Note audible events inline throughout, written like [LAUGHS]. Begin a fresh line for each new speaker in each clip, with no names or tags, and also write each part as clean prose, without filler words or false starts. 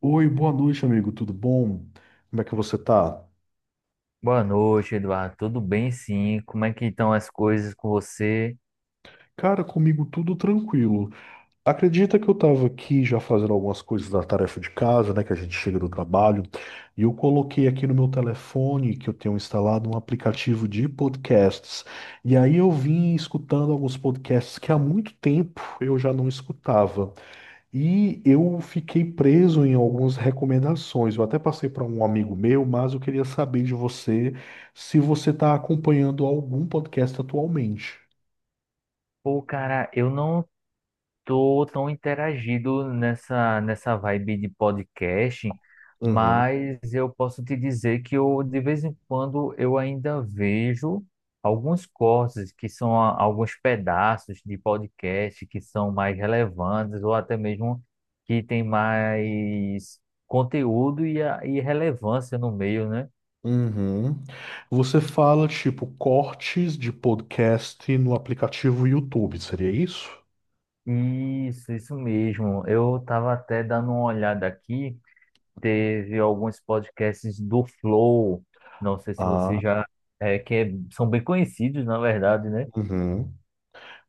Oi, boa noite, amigo. Tudo bom? Como é que você tá?
Boa noite, Eduardo. Tudo bem, sim? Como é que estão as coisas com você?
Cara, comigo tudo tranquilo. Acredita que eu tava aqui já fazendo algumas coisas da tarefa de casa, né? Que a gente chega do trabalho, e eu coloquei aqui no meu telefone que eu tenho instalado um aplicativo de podcasts. E aí eu vim escutando alguns podcasts que há muito tempo eu já não escutava. E eu fiquei preso em algumas recomendações. Eu até passei para um amigo meu, mas eu queria saber de você se você está acompanhando algum podcast atualmente.
Pô, cara, eu não tô tão interagido nessa vibe de podcast,
Uhum.
mas eu posso te dizer que eu de vez em quando eu ainda vejo alguns cortes alguns pedaços de podcast que são mais relevantes ou até mesmo que tem mais conteúdo e relevância no meio, né?
Uhum. Você fala tipo cortes de podcast no aplicativo YouTube, seria isso?
Isso mesmo. Eu estava até dando uma olhada aqui. Teve alguns podcasts do Flow. Não sei se você
Ah,
já são bem conhecidos, na verdade, né?
Uhum.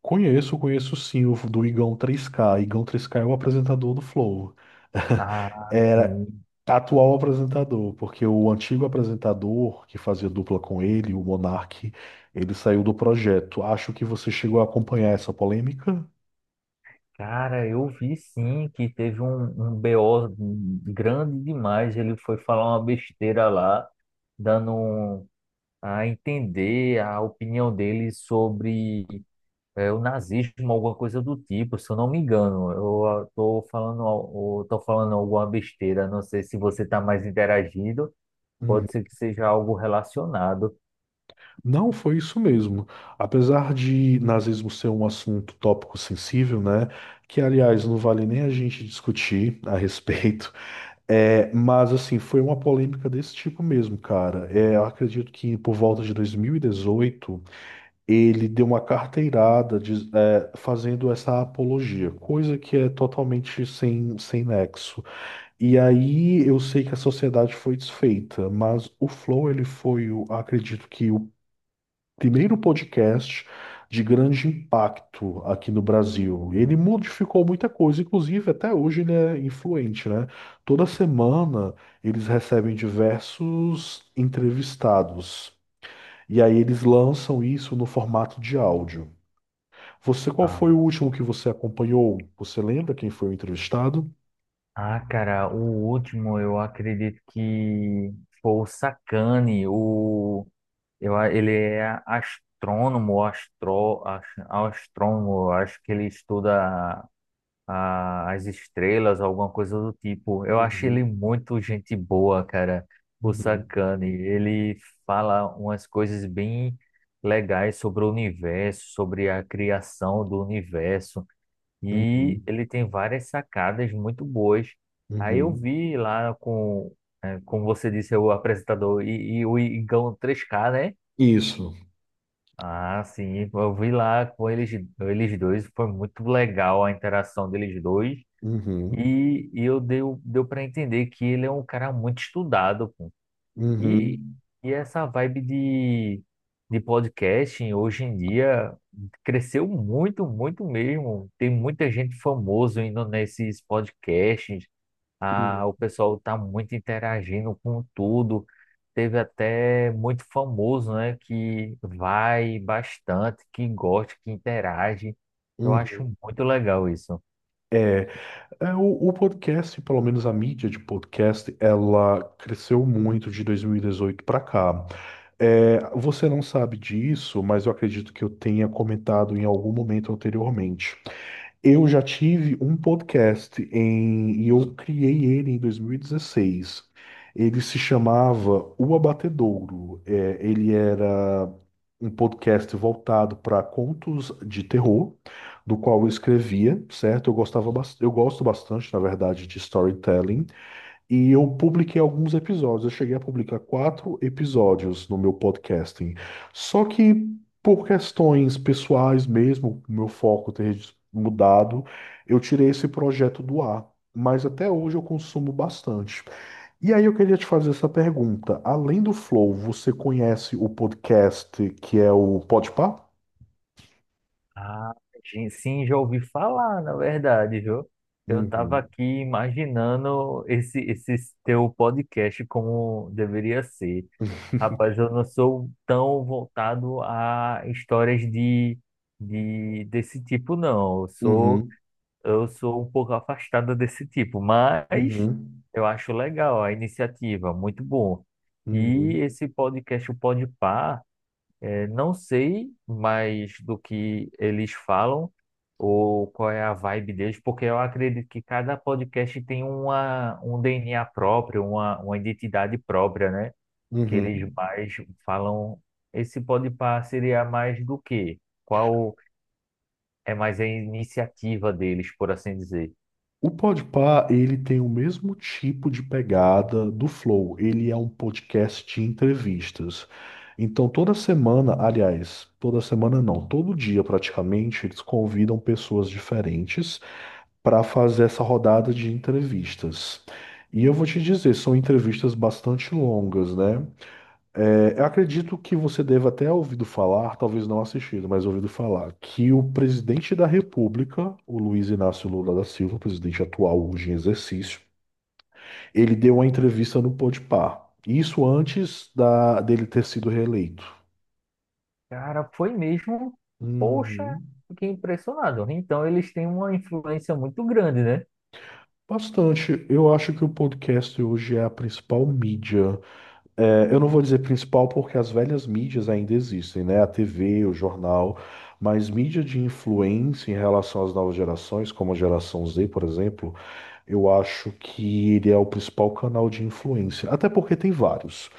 Conheço, sim o do Igão 3K. Igão 3K é o apresentador do Flow. [LAUGHS]
Ah, sim.
Atual apresentador, porque o antigo apresentador que fazia dupla com ele, o Monark, ele saiu do projeto. Acho que você chegou a acompanhar essa polêmica.
Cara, eu vi sim que teve um BO grande demais. Ele foi falar uma besteira lá, dando um- a entender a opinião dele sobre é o nazismo, alguma coisa do tipo, se eu não me engano. Eu tô falando alguma besteira, não sei se você está mais interagido,
Hum.
pode ser que seja algo relacionado.
Não, foi isso mesmo. Apesar de nazismo ser um assunto tópico sensível, né? Que, aliás, não vale nem a gente discutir a respeito. [LAUGHS] É, mas, assim, foi uma polêmica desse tipo mesmo, cara. É, eu acredito que por volta de 2018. Ele deu uma carteirada é, fazendo essa apologia, coisa que é totalmente sem nexo. E aí eu sei que a sociedade foi desfeita, mas o Flow ele foi, acredito que o primeiro podcast de grande impacto aqui no Brasil. Ele modificou muita coisa, inclusive até hoje ele é influente, né? Toda semana eles recebem diversos entrevistados. E aí eles lançam isso no formato de áudio. Você, qual foi
Ah,
o último que você acompanhou? Você lembra quem foi o entrevistado?
Cara, o último eu acredito que foi o Sacani, ele é astrônomo, eu acho que ele estuda as estrelas, alguma coisa do tipo. Eu achei ele
Uhum,
muito gente boa, cara. O
uhum,
Sakane, ele fala umas coisas bem legais sobre o universo, sobre a criação do universo, e
uhum,
ele tem várias sacadas muito boas. Aí eu
uhum.
vi lá como você disse, o apresentador e o Igão 3K, né?
Isso.
Ah, sim, eu vi lá com eles dois, foi muito legal a interação deles dois.
Uhum,
E deu para entender que ele é um cara muito estudado, pô. E,
uhum,
e essa vibe de podcasting hoje em dia cresceu muito, muito mesmo. Tem muita gente famosa indo nesses podcasts. Ah,
uhum,
o pessoal tá muito interagindo com tudo. Teve até muito famoso, né, que vai bastante, que gosta, que interage. Eu
uhum.
acho muito legal isso.
É, é o podcast, pelo menos a mídia de podcast, ela cresceu muito de 2018 para cá. É, você não sabe disso, mas eu acredito que eu tenha comentado em algum momento anteriormente. Eu já tive um podcast em, e eu criei ele em 2016. Ele se chamava O Abatedouro. É, ele era um podcast voltado para contos de terror, do qual eu escrevia, certo? Eu gostava, eu gosto bastante, na verdade, de storytelling. E eu publiquei alguns episódios. Eu cheguei a publicar 4 episódios no meu podcasting. Só que por questões pessoais mesmo, meu foco ter mudado, eu tirei esse projeto do ar. Mas até hoje eu consumo bastante. E aí eu queria te fazer essa pergunta. Além do Flow, você conhece o podcast que é o Podpah?
Ah, sim, já ouvi falar, na verdade, viu? Eu estava
Uhum.
aqui imaginando esse teu podcast como deveria ser. Rapaz, eu não sou tão voltado a histórias de desse tipo, não.
Uhum.
Eu sou um pouco afastado desse tipo, mas
Uhum.
eu acho legal a iniciativa, muito bom. E
Uhum.
esse podcast, o Podpah. É, não sei mais do que eles falam ou qual é a vibe deles, porque eu acredito que cada podcast tem um DNA próprio, uma identidade própria, né? Que eles
Uhum.
mais falam. Esse podpar seria mais do quê? Qual é mais a iniciativa deles, por assim dizer?
O Podpah, ele tem o mesmo tipo de pegada do Flow. Ele é um podcast de entrevistas. Então, toda semana, aliás, toda semana não, todo dia praticamente, eles convidam pessoas diferentes para fazer essa rodada de entrevistas. E eu vou te dizer, são entrevistas bastante longas, né? É, eu acredito que você deva até ouvido falar, talvez não assistido, mas ouvido falar, que o presidente da República, o Luiz Inácio Lula da Silva, presidente atual hoje em exercício, ele deu uma entrevista no Podpah. Isso antes dele ter sido reeleito.
Cara, foi mesmo. Poxa,
Uhum.
fiquei impressionado. Então, eles têm uma influência muito grande, né?
Bastante. Eu acho que o podcast hoje é a principal mídia. É, eu não vou dizer principal porque as velhas mídias ainda existem, né? A TV, o jornal, mas mídia de influência em relação às novas gerações, como a geração Z, por exemplo, eu acho que ele é o principal canal de influência. Até porque tem vários.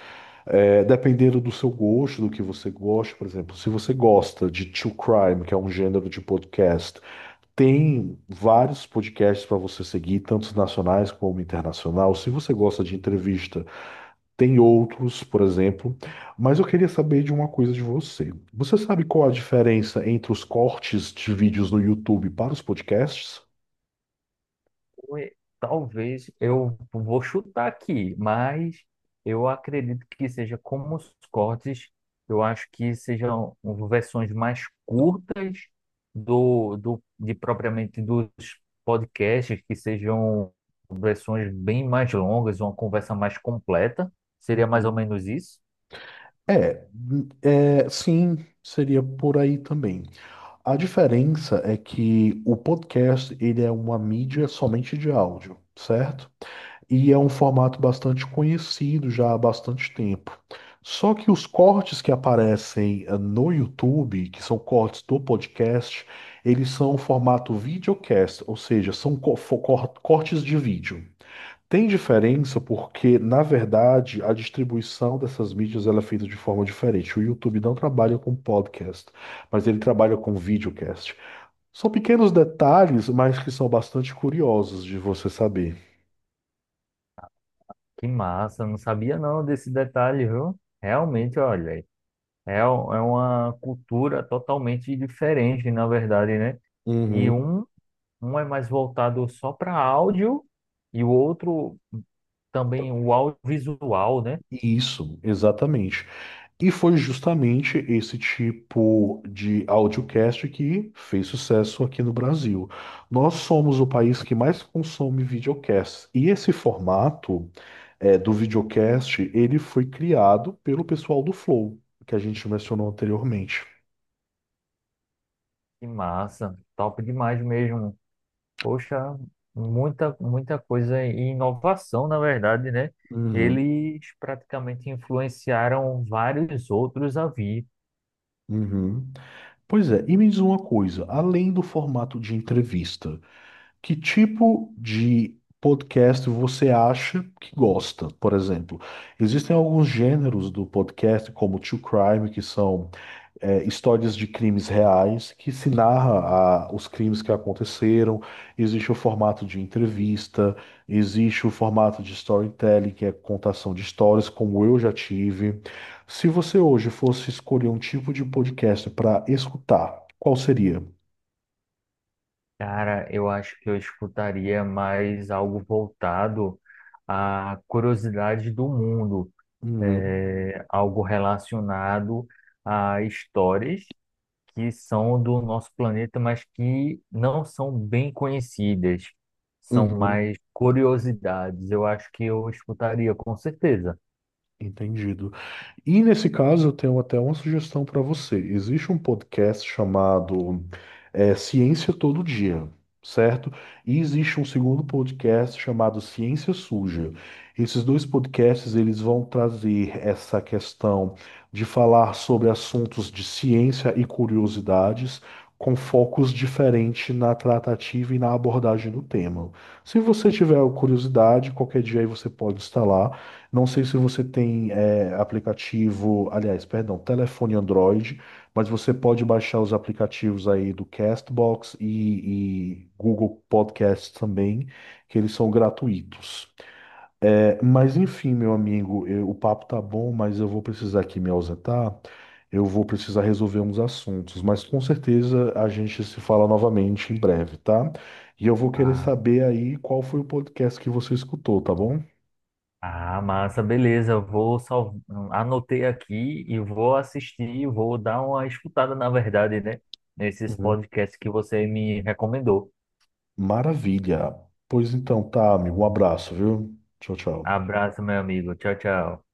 É, dependendo do seu gosto, do que você gosta, por exemplo, se você gosta de true crime, que é um gênero de podcast, tem vários podcasts para você seguir, tanto nacionais como internacional. Se você gosta de entrevista, tem outros, por exemplo, mas eu queria saber de uma coisa de você. Você sabe qual a diferença entre os cortes de vídeos no YouTube para os podcasts?
Ué, talvez eu vou chutar aqui, mas eu acredito que seja como os cortes, eu acho que sejam versões mais curtas do, do de propriamente dos podcasts, que sejam versões bem mais longas, uma conversa mais completa. Seria mais ou
Uhum.
menos isso?
É, é, sim, seria por aí também. A diferença é que o podcast, ele é uma mídia somente de áudio, certo? E é um formato bastante conhecido já há bastante tempo. Só que os cortes que aparecem no YouTube, que são cortes do podcast, eles são o formato videocast, ou seja, são cortes de vídeo. Tem diferença porque, na verdade, a distribuição dessas mídias ela é feita de forma diferente. O YouTube não trabalha com podcast, mas ele trabalha com videocast. São pequenos detalhes, mas que são bastante curiosos de você saber.
Que massa, não sabia não desse detalhe, viu? Realmente, olha. É, é uma cultura totalmente diferente, na verdade, né? E
Uhum.
um é mais voltado só para áudio e o outro também o audiovisual, né?
Isso, exatamente. E foi justamente esse tipo de audiocast que fez sucesso aqui no Brasil. Nós somos o país que mais consome videocast. E esse formato é, do videocast, ele foi criado pelo pessoal do Flow, que a gente mencionou anteriormente.
Que massa, top demais mesmo. Poxa, muita, muita coisa e inovação, na verdade, né?
Uhum,
Eles praticamente influenciaram vários outros a vir.
uhum. Pois é, e me diz uma coisa, além do formato de entrevista, que tipo de podcast você acha que gosta, por exemplo? Existem alguns gêneros do podcast, como True Crime, que são é, histórias de crimes reais, que se narra os crimes que aconteceram. Existe o formato de entrevista, existe o formato de storytelling, que é contação de histórias, como eu já tive. Se você hoje fosse escolher um tipo de podcast para escutar, qual seria?
Cara, eu acho que eu escutaria mais algo voltado à curiosidade do mundo
Uhum,
algo relacionado a histórias que são do nosso planeta, mas que não são bem conhecidas, são
uhum,
mais curiosidades. Eu acho que eu escutaria com certeza.
entendido. E nesse caso, eu tenho até uma sugestão para você. Existe um podcast chamado Ciência Todo Dia, certo? E existe um segundo podcast chamado Ciência Suja. Esses dois podcasts, eles vão trazer essa questão de falar sobre assuntos de ciência e curiosidades, com focos diferentes na tratativa e na abordagem do tema. Se você tiver curiosidade, qualquer dia aí você pode instalar. Não sei se você tem é, aplicativo, aliás, perdão, telefone Android, mas você pode baixar os aplicativos aí do Castbox e Google Podcasts também, que eles são gratuitos. É, mas enfim, meu amigo, o papo tá bom, mas eu vou precisar aqui me ausentar. Eu vou precisar resolver uns assuntos, mas com certeza a gente se fala novamente em breve, tá? E eu vou querer
Ah,
saber aí qual foi o podcast que você escutou, tá bom?
massa, beleza. Anotei aqui e vou assistir, vou dar uma escutada, na verdade, né? Nesses
Uhum.
podcasts que você me recomendou.
Maravilha. Pois então, tá, amigo. Um abraço, viu? Tchau, tchau.
Abraço, meu amigo. Tchau, tchau.